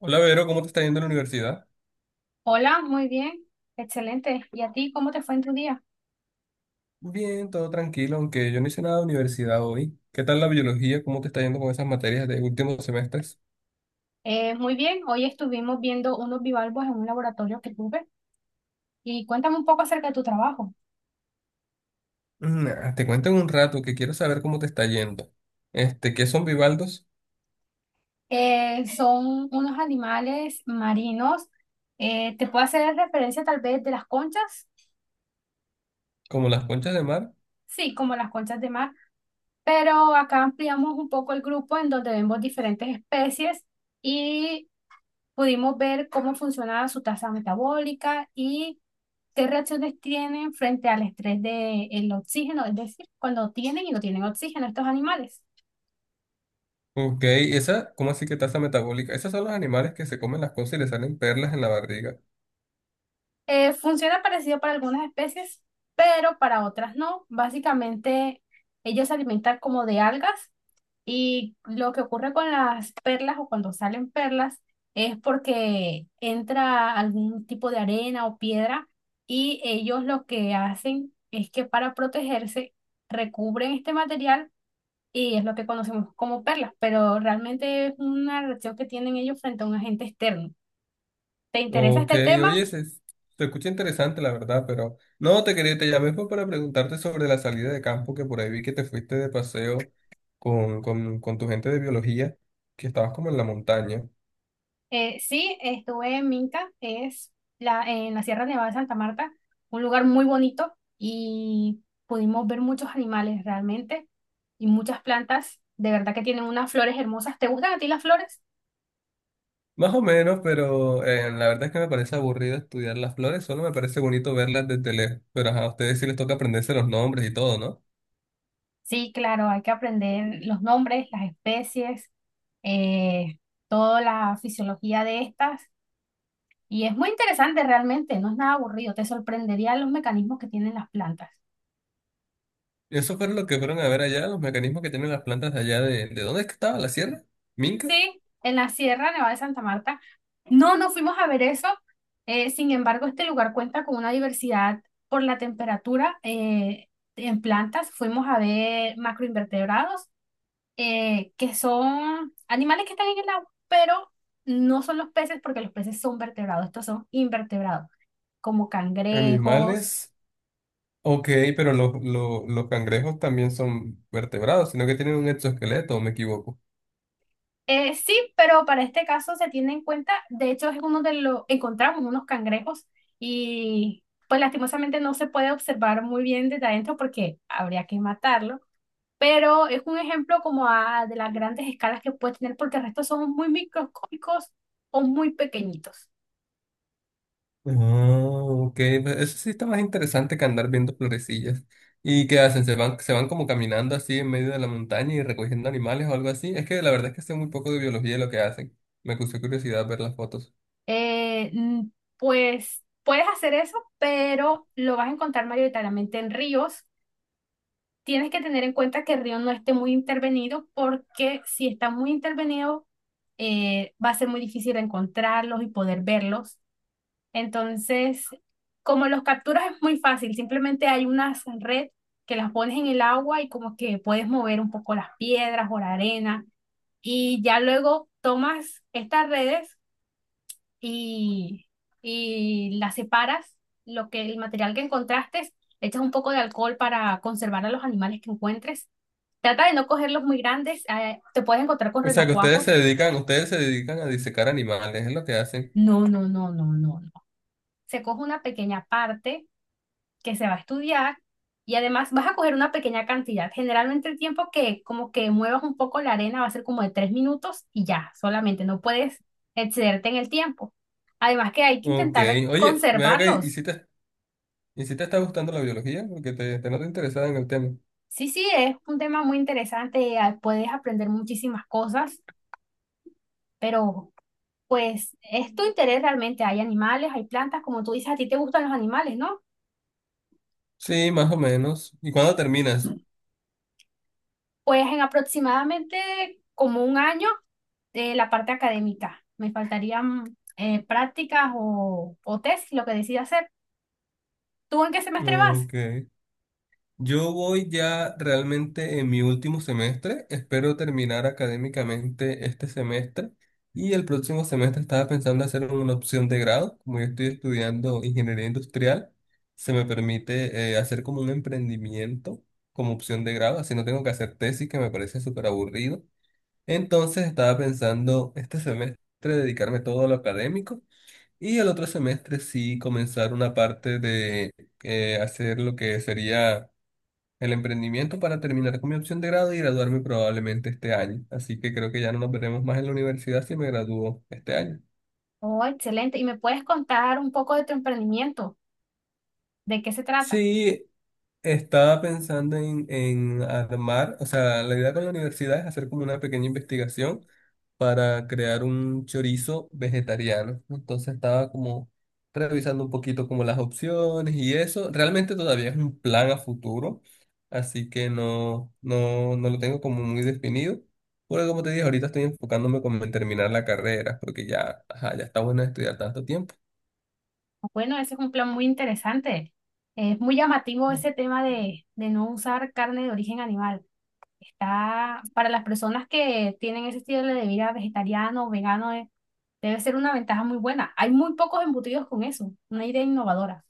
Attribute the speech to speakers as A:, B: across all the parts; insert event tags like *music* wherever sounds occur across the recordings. A: Hola, Vero, ¿cómo te está yendo en la universidad?
B: Hola, muy bien, excelente. ¿Y a ti cómo te fue en tu día?
A: Bien, todo tranquilo, aunque yo no hice nada de universidad hoy. ¿Qué tal la biología? ¿Cómo te está yendo con esas materias de últimos semestres?
B: Muy bien, hoy estuvimos viendo unos bivalvos en un laboratorio que tuve y cuéntame un poco acerca de tu trabajo.
A: Te cuento en un rato que quiero saber cómo te está yendo. Este, ¿qué son bivaldos?
B: Son unos animales marinos. ¿Te puedo hacer referencia tal vez de las conchas?
A: ¿Como las conchas de mar?
B: Sí, como las conchas de mar, pero acá ampliamos un poco el grupo en donde vemos diferentes especies y pudimos ver cómo funcionaba su tasa metabólica y ¿qué reacciones tienen frente al estrés del oxígeno? Es decir, cuando tienen y no tienen oxígeno estos animales.
A: Ok, esa, ¿cómo así que tasa metabólica? Esos son los animales que se comen las cosas y les salen perlas en la barriga.
B: Funciona parecido para algunas especies, pero para otras no. Básicamente, ellos se alimentan como de algas y lo que ocurre con las perlas o cuando salen perlas es porque entra algún tipo de arena o piedra, y ellos lo que hacen es que, para protegerse, recubren este material y es lo que conocemos como perlas, pero realmente es una reacción que tienen ellos frente a un agente externo. ¿Te interesa
A: Ok,
B: este tema?
A: oye, se escucha interesante la verdad, pero no te quería, te llamé fue para preguntarte sobre la salida de campo, que por ahí vi que te fuiste de paseo con tu gente de biología, que estabas como en la montaña.
B: Sí, estuve en Minca, es en la Sierra Nevada de Santa Marta, un lugar muy bonito, y pudimos ver muchos animales realmente y muchas plantas, de verdad que tienen unas flores hermosas. ¿Te gustan a ti las flores?
A: Más o menos, pero la verdad es que me parece aburrido estudiar las flores, solo me parece bonito verlas desde lejos. Pero ajá, a ustedes sí les toca aprenderse los nombres y todo, ¿no?
B: Sí, claro, hay que aprender los nombres, las especies, eh, toda la fisiología de estas. Y es muy interesante realmente, no es nada aburrido, te sorprendería los mecanismos que tienen las plantas.
A: Y eso fue lo que fueron a ver allá, los mecanismos que tienen las plantas de allá ¿de dónde es que estaba la sierra? ¿Minca?
B: Sí, en la Sierra Nevada de Santa Marta. No, no fuimos a ver eso. Sin embargo, este lugar cuenta con una diversidad por la temperatura, en plantas. Fuimos a ver macroinvertebrados, que son animales que están en el agua, pero no son los peces, porque los peces son vertebrados, estos son invertebrados, como cangrejos.
A: Animales. Ok, pero los cangrejos también son vertebrados, sino que tienen un exoesqueleto, ¿o me equivoco?
B: Sí, pero para este caso se tiene en cuenta, de hecho es uno de los, encontramos unos cangrejos y pues lastimosamente no se puede observar muy bien desde adentro porque habría que matarlo, pero es un ejemplo como de las grandes escalas que puede tener porque el resto son muy microscópicos o muy pequeñitos.
A: Oh, ok, pues eso sí está más interesante que andar viendo florecillas. ¿Y qué hacen? ¿Se van como caminando así en medio de la montaña y recogiendo animales o algo así? Es que la verdad es que sé muy poco de biología de lo que hacen. Me causó curiosidad ver las fotos.
B: Eh, mm, pues puedes hacer eso, pero lo vas a encontrar mayoritariamente en ríos. Tienes que tener en cuenta que el río no esté muy intervenido, porque si está muy intervenido, va a ser muy difícil encontrarlos y poder verlos. Entonces, como los capturas es muy fácil, simplemente hay una red que las pones en el agua y como que puedes mover un poco las piedras o la arena, y ya luego tomas estas redes y, y la separas, lo que, el material que encontraste, le echas un poco de alcohol para conservar a los animales que encuentres. Trata de no cogerlos muy grandes, te puedes encontrar con
A: O sea, que ustedes se
B: renacuajos.
A: dedican, ustedes se dedican a disecar animales, es lo que hacen.
B: No, no, no, no, no, no. Se coge una pequeña parte que se va a estudiar, y además vas a coger una pequeña cantidad. Generalmente el tiempo que como que muevas un poco la arena va a ser como de 3 minutos, y ya, solamente no puedes excederte en el tiempo. Además que hay que
A: Ok,
B: intentar
A: oye, ven acá
B: conservarlos.
A: y si te está gustando la biología, porque te noto interesada en el tema.
B: Sí, sí, es un tema muy interesante, puedes aprender muchísimas cosas, pero pues es tu interés realmente, hay animales, hay plantas, como tú dices, a ti te gustan los animales, ¿no?
A: Sí, más o menos. ¿Y cuándo terminas?
B: Pues en aproximadamente como 1 año de la parte académica, me faltarían prácticas o test, lo que decidas hacer. ¿Tú en qué semestre vas?
A: Ok. Yo voy ya realmente en mi último semestre. Espero terminar académicamente este semestre. Y el próximo semestre estaba pensando hacer una opción de grado. Como yo estoy estudiando ingeniería industrial, se me permite hacer como un emprendimiento como opción de grado. Así no tengo que hacer tesis, que me parece súper aburrido. Entonces estaba pensando este semestre dedicarme todo a lo académico. Y el otro semestre sí comenzar una parte de hacer lo que sería el emprendimiento para terminar con mi opción de grado y graduarme probablemente este año. Así que creo que ya no nos veremos más en la universidad si me gradúo este año.
B: Oh, excelente, y me puedes contar un poco de tu emprendimiento, ¿de qué se trata?
A: Sí, estaba pensando en armar, o sea, la idea con la universidad es hacer como una pequeña investigación para crear un chorizo vegetariano. Entonces estaba como revisando un poquito como las opciones y eso. Realmente todavía es un plan a futuro, así que no lo tengo como muy definido. Porque como te dije, ahorita estoy enfocándome como en terminar la carrera, porque ya, ajá, ya está bueno estudiar tanto tiempo.
B: Bueno, ese es un plan muy interesante. Es muy llamativo ese tema de no usar carne de origen animal. Está para las personas que tienen ese estilo de vida vegetariano o vegano, debe ser una ventaja muy buena. Hay muy pocos embutidos con eso, una idea innovadora.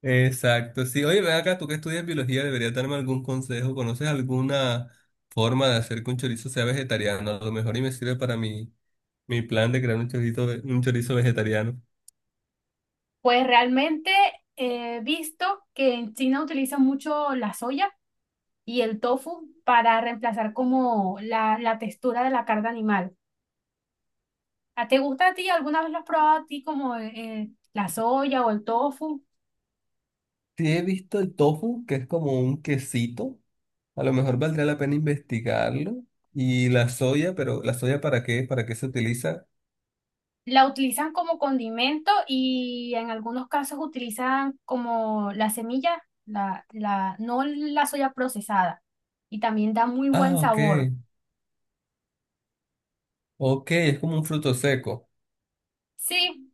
A: Exacto, sí. Oye, ven acá, tú que estudias biología, deberías darme algún consejo. ¿Conoces alguna forma de hacer que un chorizo sea vegetariano? A lo mejor y me sirve para mi plan de crear un chorizo, un chorizo vegetariano.
B: Pues realmente he visto que en China utilizan mucho la soya y el tofu para reemplazar como la textura de la carne animal. ¿Te gusta a ti? ¿Alguna vez lo has probado a ti como la soya o el tofu?
A: Sí, he visto el tofu, que es como un quesito. A lo mejor valdría la pena investigarlo. Y la soya, pero ¿la soya para qué? ¿Para qué se utiliza?
B: La utilizan como condimento, y en algunos casos utilizan como la semilla, no la soya procesada. Y también da muy
A: Ah,
B: buen
A: ok.
B: sabor.
A: Ok, es como un fruto seco.
B: Sí,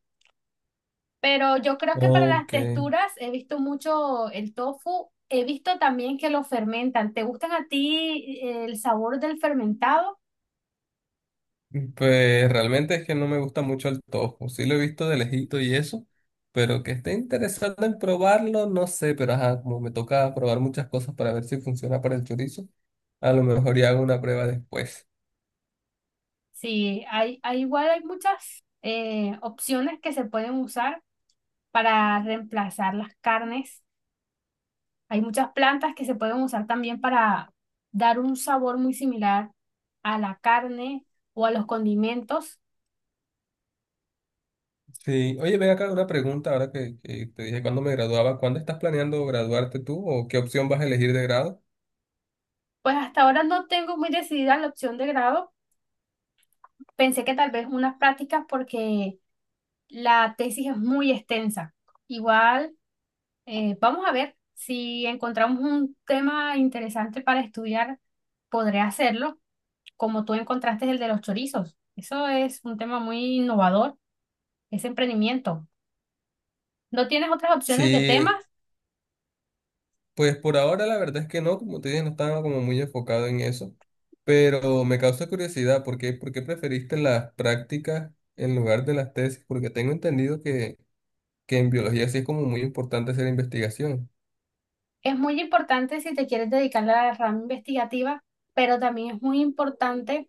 B: pero yo creo que para las
A: Ok.
B: texturas he visto mucho el tofu. He visto también que lo fermentan. ¿Te gustan a ti el sabor del fermentado?
A: Pues realmente es que no me gusta mucho el tofu. Sí lo he visto de lejito y eso, pero que esté interesado en probarlo, no sé, pero ajá, como me toca probar muchas cosas para ver si funciona para el chorizo, a lo mejor ya hago una prueba después.
B: Sí, hay muchas opciones que se pueden usar para reemplazar las carnes. Hay muchas plantas que se pueden usar también para dar un sabor muy similar a la carne o a los condimentos.
A: Sí, oye, ven acá una pregunta ahora que te dije cuándo me graduaba, ¿cuándo estás planeando graduarte tú o qué opción vas a elegir de grado?
B: Pues hasta ahora no tengo muy decidida la opción de grado. Pensé que tal vez unas prácticas porque la tesis es muy extensa. Igual, vamos a ver si encontramos un tema interesante para estudiar, podré hacerlo, como tú encontraste el de los chorizos. Eso es un tema muy innovador, ese emprendimiento. ¿No tienes otras opciones de
A: Sí,
B: temas?
A: pues por ahora la verdad es que no, como te dije, no estaba como muy enfocado en eso, pero me causa curiosidad, ¿ por qué preferiste las prácticas en lugar de las tesis? Porque tengo entendido que en biología sí es como muy importante hacer investigación.
B: Es muy importante si te quieres dedicar a la rama investigativa, pero también es muy importante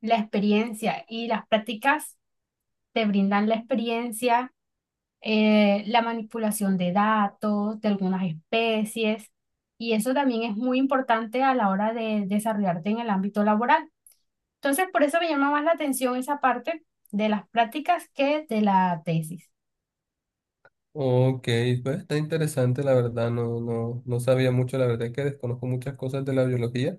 B: la experiencia, y las prácticas te brindan la experiencia, la manipulación de datos, de algunas especies, y eso también es muy importante a la hora de desarrollarte en el ámbito laboral. Entonces, por eso me llama más la atención esa parte de las prácticas que de la tesis.
A: Ok, pues está interesante, la verdad, no sabía mucho, la verdad es que desconozco muchas cosas de la biología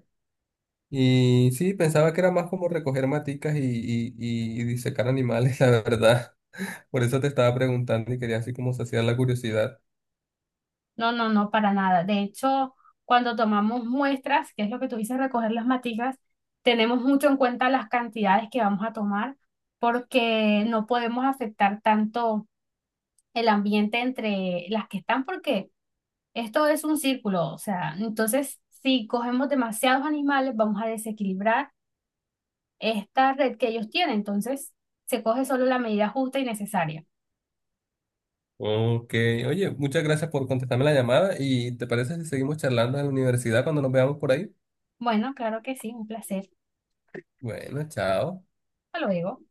A: y sí, pensaba que era más como recoger maticas y disecar animales, *laughs* la verdad. Por eso te estaba preguntando y quería así como saciar la curiosidad.
B: No, no, no, para nada. De hecho, cuando tomamos muestras, que es lo que tú dices, recoger las maticas, tenemos mucho en cuenta las cantidades que vamos a tomar, porque no podemos afectar tanto el ambiente entre las que están, porque esto es un círculo. O sea, entonces, si cogemos demasiados animales, vamos a desequilibrar esta red que ellos tienen. Entonces, se coge solo la medida justa y necesaria.
A: Ok, oye, muchas gracias por contestarme la llamada y ¿te parece si seguimos charlando en la universidad cuando nos veamos por ahí?
B: Bueno, claro que sí, un placer.
A: Bueno, chao.
B: Hasta luego.